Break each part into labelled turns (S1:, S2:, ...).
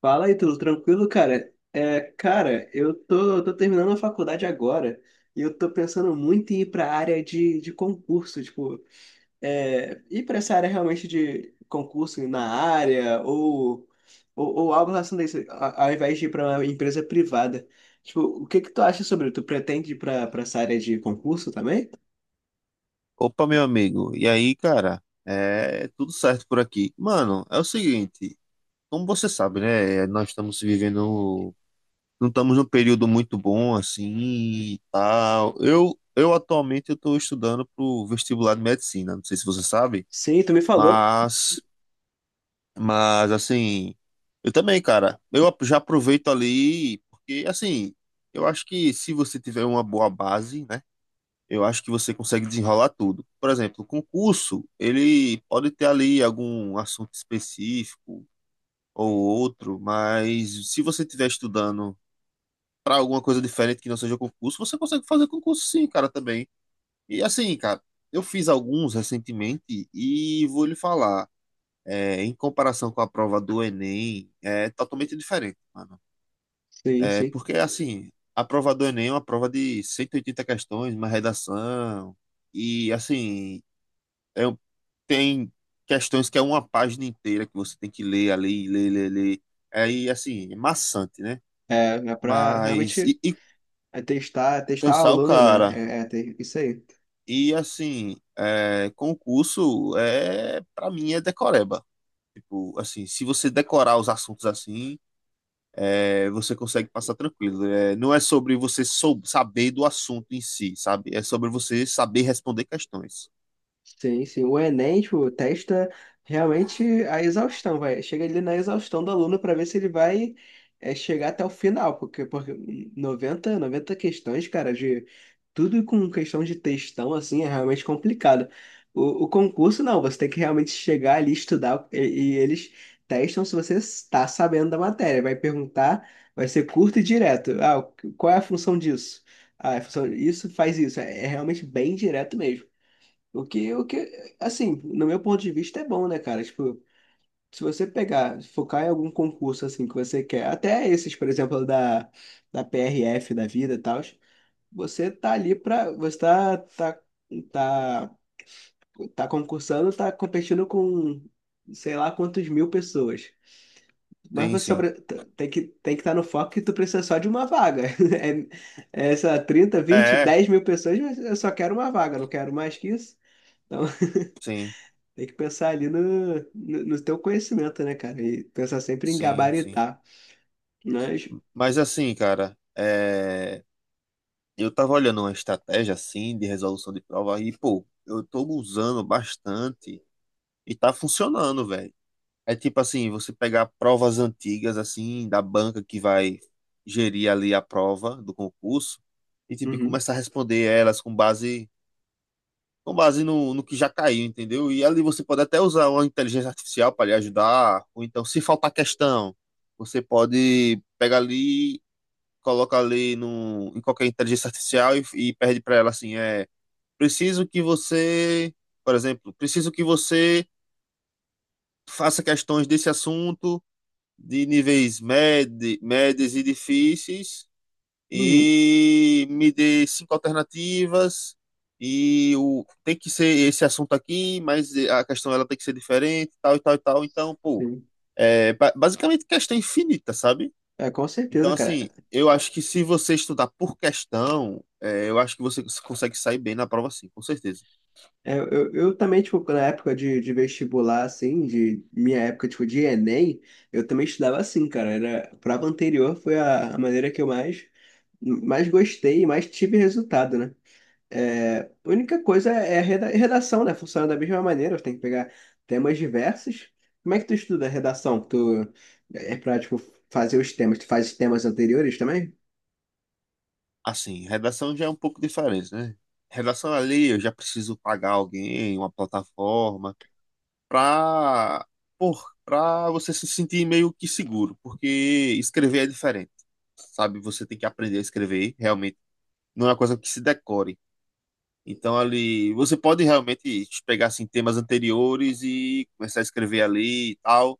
S1: Fala aí, tudo tranquilo, cara? É, cara, eu tô terminando a faculdade agora e eu tô pensando muito em ir pra área de concurso, tipo, ir pra essa área realmente de concurso na área ou algo relacionado a isso, ao invés de ir pra uma empresa privada. Tipo, o que que tu acha sobre? Tu pretende ir pra essa área de concurso também?
S2: Opa, meu amigo. E aí, cara? É tudo certo por aqui. Mano, é o seguinte, como você sabe, né? Nós estamos vivendo, não estamos num período muito bom assim, e tal. Eu atualmente eu estou estudando pro vestibular de medicina. Não sei se você sabe,
S1: Sim, tu me falou.
S2: mas, mas assim, eu também, cara. Eu já aproveito ali porque assim, eu acho que se você tiver uma boa base, né? Eu acho que você consegue desenrolar tudo. Por exemplo, o concurso, ele pode ter ali algum assunto específico ou outro, mas se você estiver estudando para alguma coisa diferente que não seja concurso, você consegue fazer concurso sim, cara, também. E assim, cara, eu fiz alguns recentemente e vou lhe falar, em comparação com a prova do Enem, é totalmente diferente, mano.
S1: Sim, sim.
S2: Porque assim, a prova do Enem é uma prova de 180 questões, uma redação, e assim, É, um, tem questões que é uma página inteira que você tem que ler, ali, ler, ler, ler. Aí, assim, é maçante, né?
S1: É, é pra
S2: Mas,
S1: realmente.
S2: e
S1: É testar a
S2: cansar o
S1: aluna, né?
S2: cara.
S1: É, isso aí.
S2: E, assim, concurso, para mim, é decoreba. Tipo, assim, se você decorar os assuntos assim, você consegue passar tranquilo. É, não é sobre você sou, saber do assunto em si, sabe? É sobre você saber responder questões.
S1: Sim, sim. O Enem, tipo, testa realmente a exaustão, vai. Chega ali na exaustão do aluno para ver se ele vai chegar até o final, porque noventa questões, cara, de tudo com questão de textão, assim, é realmente complicado. O concurso, não, você tem que realmente chegar ali, estudar, e eles testam se você está sabendo da matéria. Vai perguntar, vai ser curto e direto. Ah, qual é a função disso? Ah, a função, isso faz isso. É realmente bem direto mesmo. O que, assim, no meu ponto de vista é bom, né, cara? Tipo, se você pegar, focar em algum concurso, assim, que você quer, até esses, por exemplo, da PRF, da vida e tal, você tá, tá, tá, tá concursando, tá competindo com, sei lá, quantos mil pessoas. Mas
S2: Sim,
S1: você só
S2: sim.
S1: tem que estar no foco que tu precisa só de uma vaga. É, é, sei lá, 30, 20,
S2: É,
S1: 10 mil pessoas, mas eu só quero uma vaga, não quero mais que isso. Então,
S2: sim,
S1: tem que pensar ali no, no teu conhecimento, né, cara? E pensar sempre em
S2: sim, sim.
S1: gabaritar. Mas,
S2: Mas assim, cara, eu tava olhando uma estratégia assim de resolução de prova e, pô, eu tô usando bastante e tá funcionando, velho. É tipo assim, você pegar provas antigas assim da banca que vai gerir ali a prova do concurso e tipo
S1: uhum,
S2: começar a responder elas com base no que já caiu, entendeu? E ali você pode até usar uma inteligência artificial para lhe ajudar, ou então se faltar questão, você pode pegar ali coloca ali no, em qualquer inteligência artificial e pede para ela assim, preciso que você, por exemplo, preciso que você faça questões desse assunto de níveis médios e difíceis
S1: uhum,
S2: e me dê cinco alternativas e o tem que ser esse assunto aqui, mas a questão ela tem que ser diferente, tal e tal e tal. Então, pô,
S1: sim.
S2: é basicamente questão infinita, sabe?
S1: É, com
S2: Então,
S1: certeza, cara.
S2: assim, eu acho que se você estudar por questão, eu acho que você consegue sair bem na prova, sim, com certeza.
S1: É, eu também, tipo, na época de vestibular, assim, de minha época, tipo, de Enem, eu também estudava assim, cara. A prova anterior foi a maneira que eu mais gostei e mais tive resultado, né? É, a única coisa é a redação, né? Funciona da mesma maneira, tem que pegar temas diversos. Como é que tu estuda a redação? Tu é pra, tipo, fazer os temas, tu faz os temas anteriores também?
S2: Assim, redação já é um pouco diferente, né? Redação ali, eu já preciso pagar alguém, uma plataforma, pra, pra você se sentir meio que seguro, porque escrever é diferente, sabe? Você tem que aprender a escrever, realmente. Não é uma coisa que se decore. Então, ali, você pode realmente pegar, assim, temas anteriores e começar a escrever ali e tal.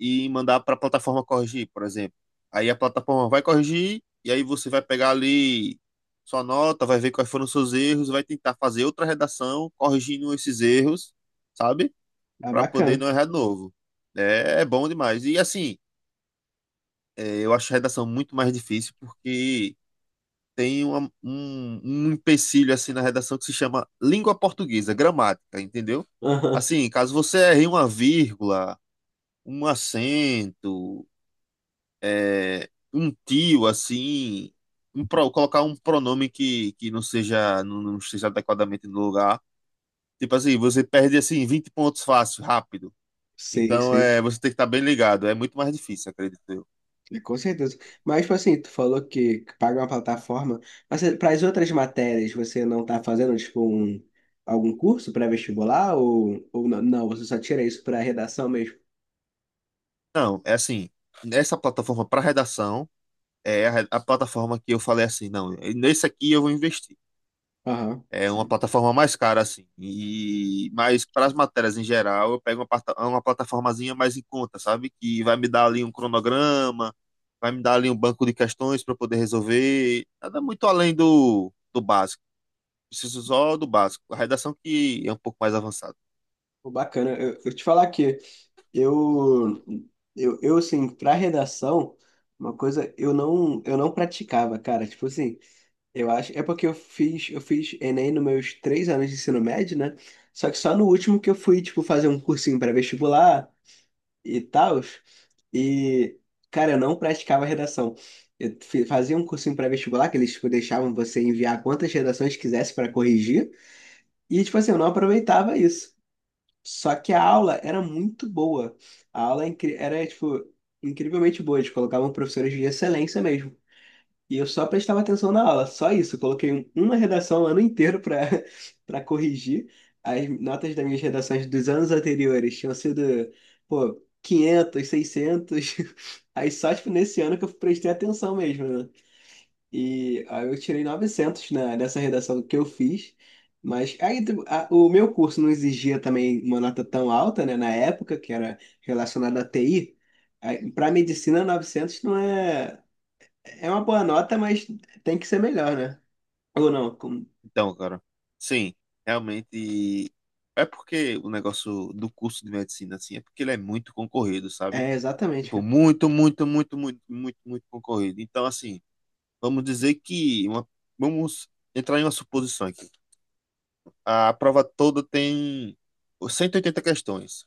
S2: E mandar para a plataforma corrigir, por exemplo. Aí a plataforma vai corrigir e aí você vai pegar ali sua nota, vai ver quais foram os seus erros, vai tentar fazer outra redação corrigindo esses erros, sabe?
S1: Ah,
S2: Para poder
S1: bacana.
S2: não errar de novo. É, é bom demais. E assim, eu acho a redação muito mais difícil porque tem um empecilho assim na redação que se chama língua portuguesa, gramática, entendeu?
S1: Aham.
S2: Assim, caso você erre uma vírgula, um acento, um tio, assim, um colocar um pronome que não seja, não esteja adequadamente no lugar. Tipo assim, você perde assim 20 pontos fácil, rápido.
S1: Sim,
S2: Então
S1: sim.
S2: você tem que estar bem ligado. É muito mais difícil, acredito eu.
S1: É, com certeza. Mas, tipo assim, tu falou que paga uma plataforma, mas para as outras matérias você não tá fazendo, tipo, algum curso pré-vestibular ou não, não, você só tira isso para redação mesmo?
S2: Não, é assim, essa plataforma para redação é a plataforma que eu falei assim, não, nesse aqui eu vou investir.
S1: Aham,
S2: É uma
S1: sim.
S2: plataforma mais cara, assim. Mas para as matérias em geral, eu pego uma plataformazinha mais em conta, sabe? Que vai me dar ali um cronograma, vai me dar ali um banco de questões para poder resolver. Nada muito além do básico. Preciso só do básico. A redação que é um pouco mais avançada.
S1: Pô, bacana. Eu te falar que Eu, eu assim, para redação, uma coisa eu não, praticava, cara. Tipo assim, eu acho, é porque eu fiz Enem nos meus 3 anos de ensino médio, né? Só que só no último que eu fui, tipo, fazer um cursinho para vestibular e tal. E, cara, eu não praticava redação. Eu fazia um cursinho para vestibular que eles, tipo, deixavam você enviar quantas redações quisesse para corrigir. E, tipo assim, eu não aproveitava isso. Só que a aula era muito boa. A aula era, tipo, incrivelmente boa. Eles colocavam professores de excelência mesmo. E eu só prestava atenção na aula, só isso. Eu coloquei uma redação o ano inteiro para para corrigir. As notas das minhas redações dos anos anteriores tinham sido, pô, 500 600. Aí só, tipo, nesse ano que eu prestei atenção mesmo, né? E aí eu tirei 900 nessa redação que eu fiz. Mas aí, o meu curso não exigia também uma nota tão alta, né? Na época, que era relacionada à TI. Para medicina, 900 não é... É uma boa nota, mas tem que ser melhor, né? Ou não?
S2: Então, cara, sim, realmente. É porque o negócio do curso de medicina, assim, é porque ele é muito concorrido, sabe?
S1: É, exatamente,
S2: Tipo,
S1: cara.
S2: muito, muito, muito, muito, muito, muito concorrido. Então, assim. Vamos dizer que vamos entrar em uma suposição aqui. A prova toda tem 180 questões.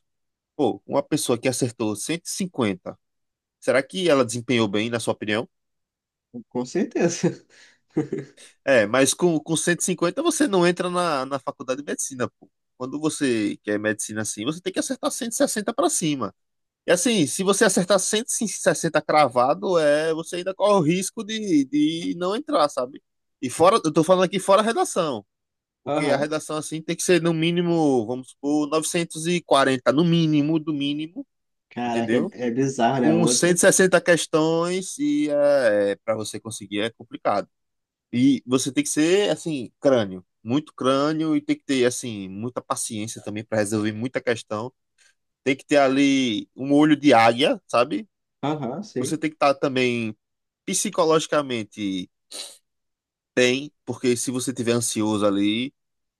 S2: Pô, uma pessoa que acertou 150, será que ela desempenhou bem, na sua opinião?
S1: Com certeza.
S2: É, mas com 150 você não entra na, faculdade de medicina, pô. Quando você quer medicina assim, você tem que acertar 160 para cima. E assim, se você acertar 160 cravado, você ainda corre o risco de não entrar, sabe? E fora, eu tô falando aqui fora a redação. Porque a
S1: Aham.
S2: redação assim tem que ser no mínimo, vamos supor, 940 no mínimo, do mínimo,
S1: Caraca, é,
S2: entendeu?
S1: é bizarro, né?
S2: Com
S1: Outro.
S2: 160 questões e para você conseguir é complicado. E você tem que ser, assim, crânio, muito crânio e tem que ter, assim, muita paciência também para resolver muita questão. Tem que ter ali um olho de águia, sabe?
S1: Aham,
S2: Você
S1: sim.
S2: tem que estar também psicologicamente tem, porque se você tiver ansioso ali,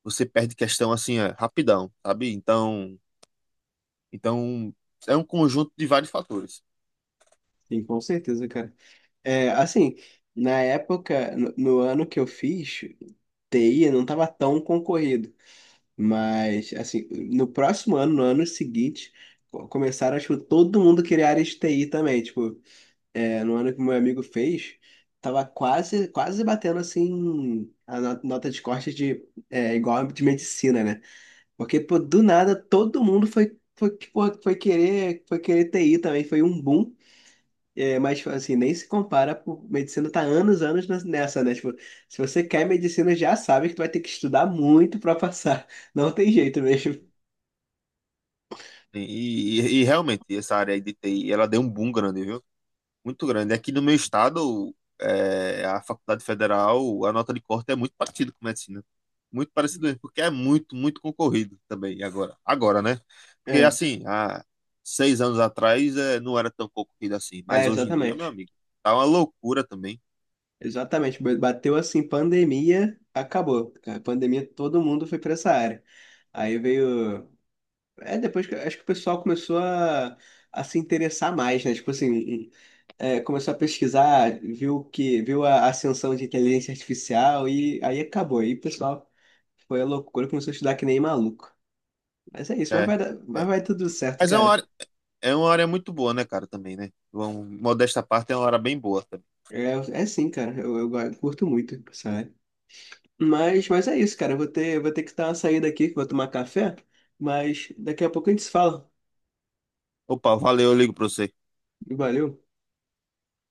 S2: você perde questão assim, rapidão, sabe? então, é um conjunto de vários fatores.
S1: Sim, com certeza, cara. É, assim, na época, no ano que eu fiz, TI não estava tão concorrido. Mas, assim, no próximo ano, no ano seguinte, começaram, acho que todo mundo queria área de TI também. Tipo, no ano que meu amigo fez, tava quase, quase batendo, assim, a nota de corte de, igual a de medicina, né? Porque, pô, do nada, todo mundo foi querer TI também. Foi um boom. É, mas tipo, assim, nem se compara, pô, medicina tá anos, anos nessa, né? Tipo, se você quer medicina, já sabe que tu vai ter que estudar muito pra passar. Não tem jeito mesmo.
S2: E, e realmente, essa área aí de TI, ela deu um boom grande, viu? Muito grande. Aqui no meu estado, a Faculdade Federal, a nota de corte é muito parecida com medicina. Muito parecido mesmo, porque é muito, muito concorrido também agora. Agora, né? Porque
S1: É,
S2: assim, há 6 anos atrás, não era tão concorrido assim, mas
S1: é,
S2: hoje em dia, meu
S1: exatamente.
S2: amigo, tá uma loucura também.
S1: Exatamente. Bateu assim, pandemia, acabou, cara. Pandemia, todo mundo foi pra essa área. Aí veio. É, depois que acho que o pessoal começou a se interessar mais, né? Tipo assim, começou a pesquisar, viu a ascensão de inteligência artificial e aí acabou. Aí, o pessoal. Foi a loucura, começou a estudar que nem maluco. Mas é isso, mas
S2: É,
S1: vai dar, mas
S2: é.
S1: vai tudo certo,
S2: Mas
S1: cara.
S2: é uma área muito boa, né, cara, também, né? Vamos, modesta parte, é uma área bem boa também.
S1: É, é sim, cara. Eu curto muito, sabe? Mas é isso, cara. Eu vou ter que dar uma saída aqui, que eu vou tomar café. Mas daqui a pouco a gente se fala.
S2: Opa, valeu, eu ligo pra você.
S1: Valeu.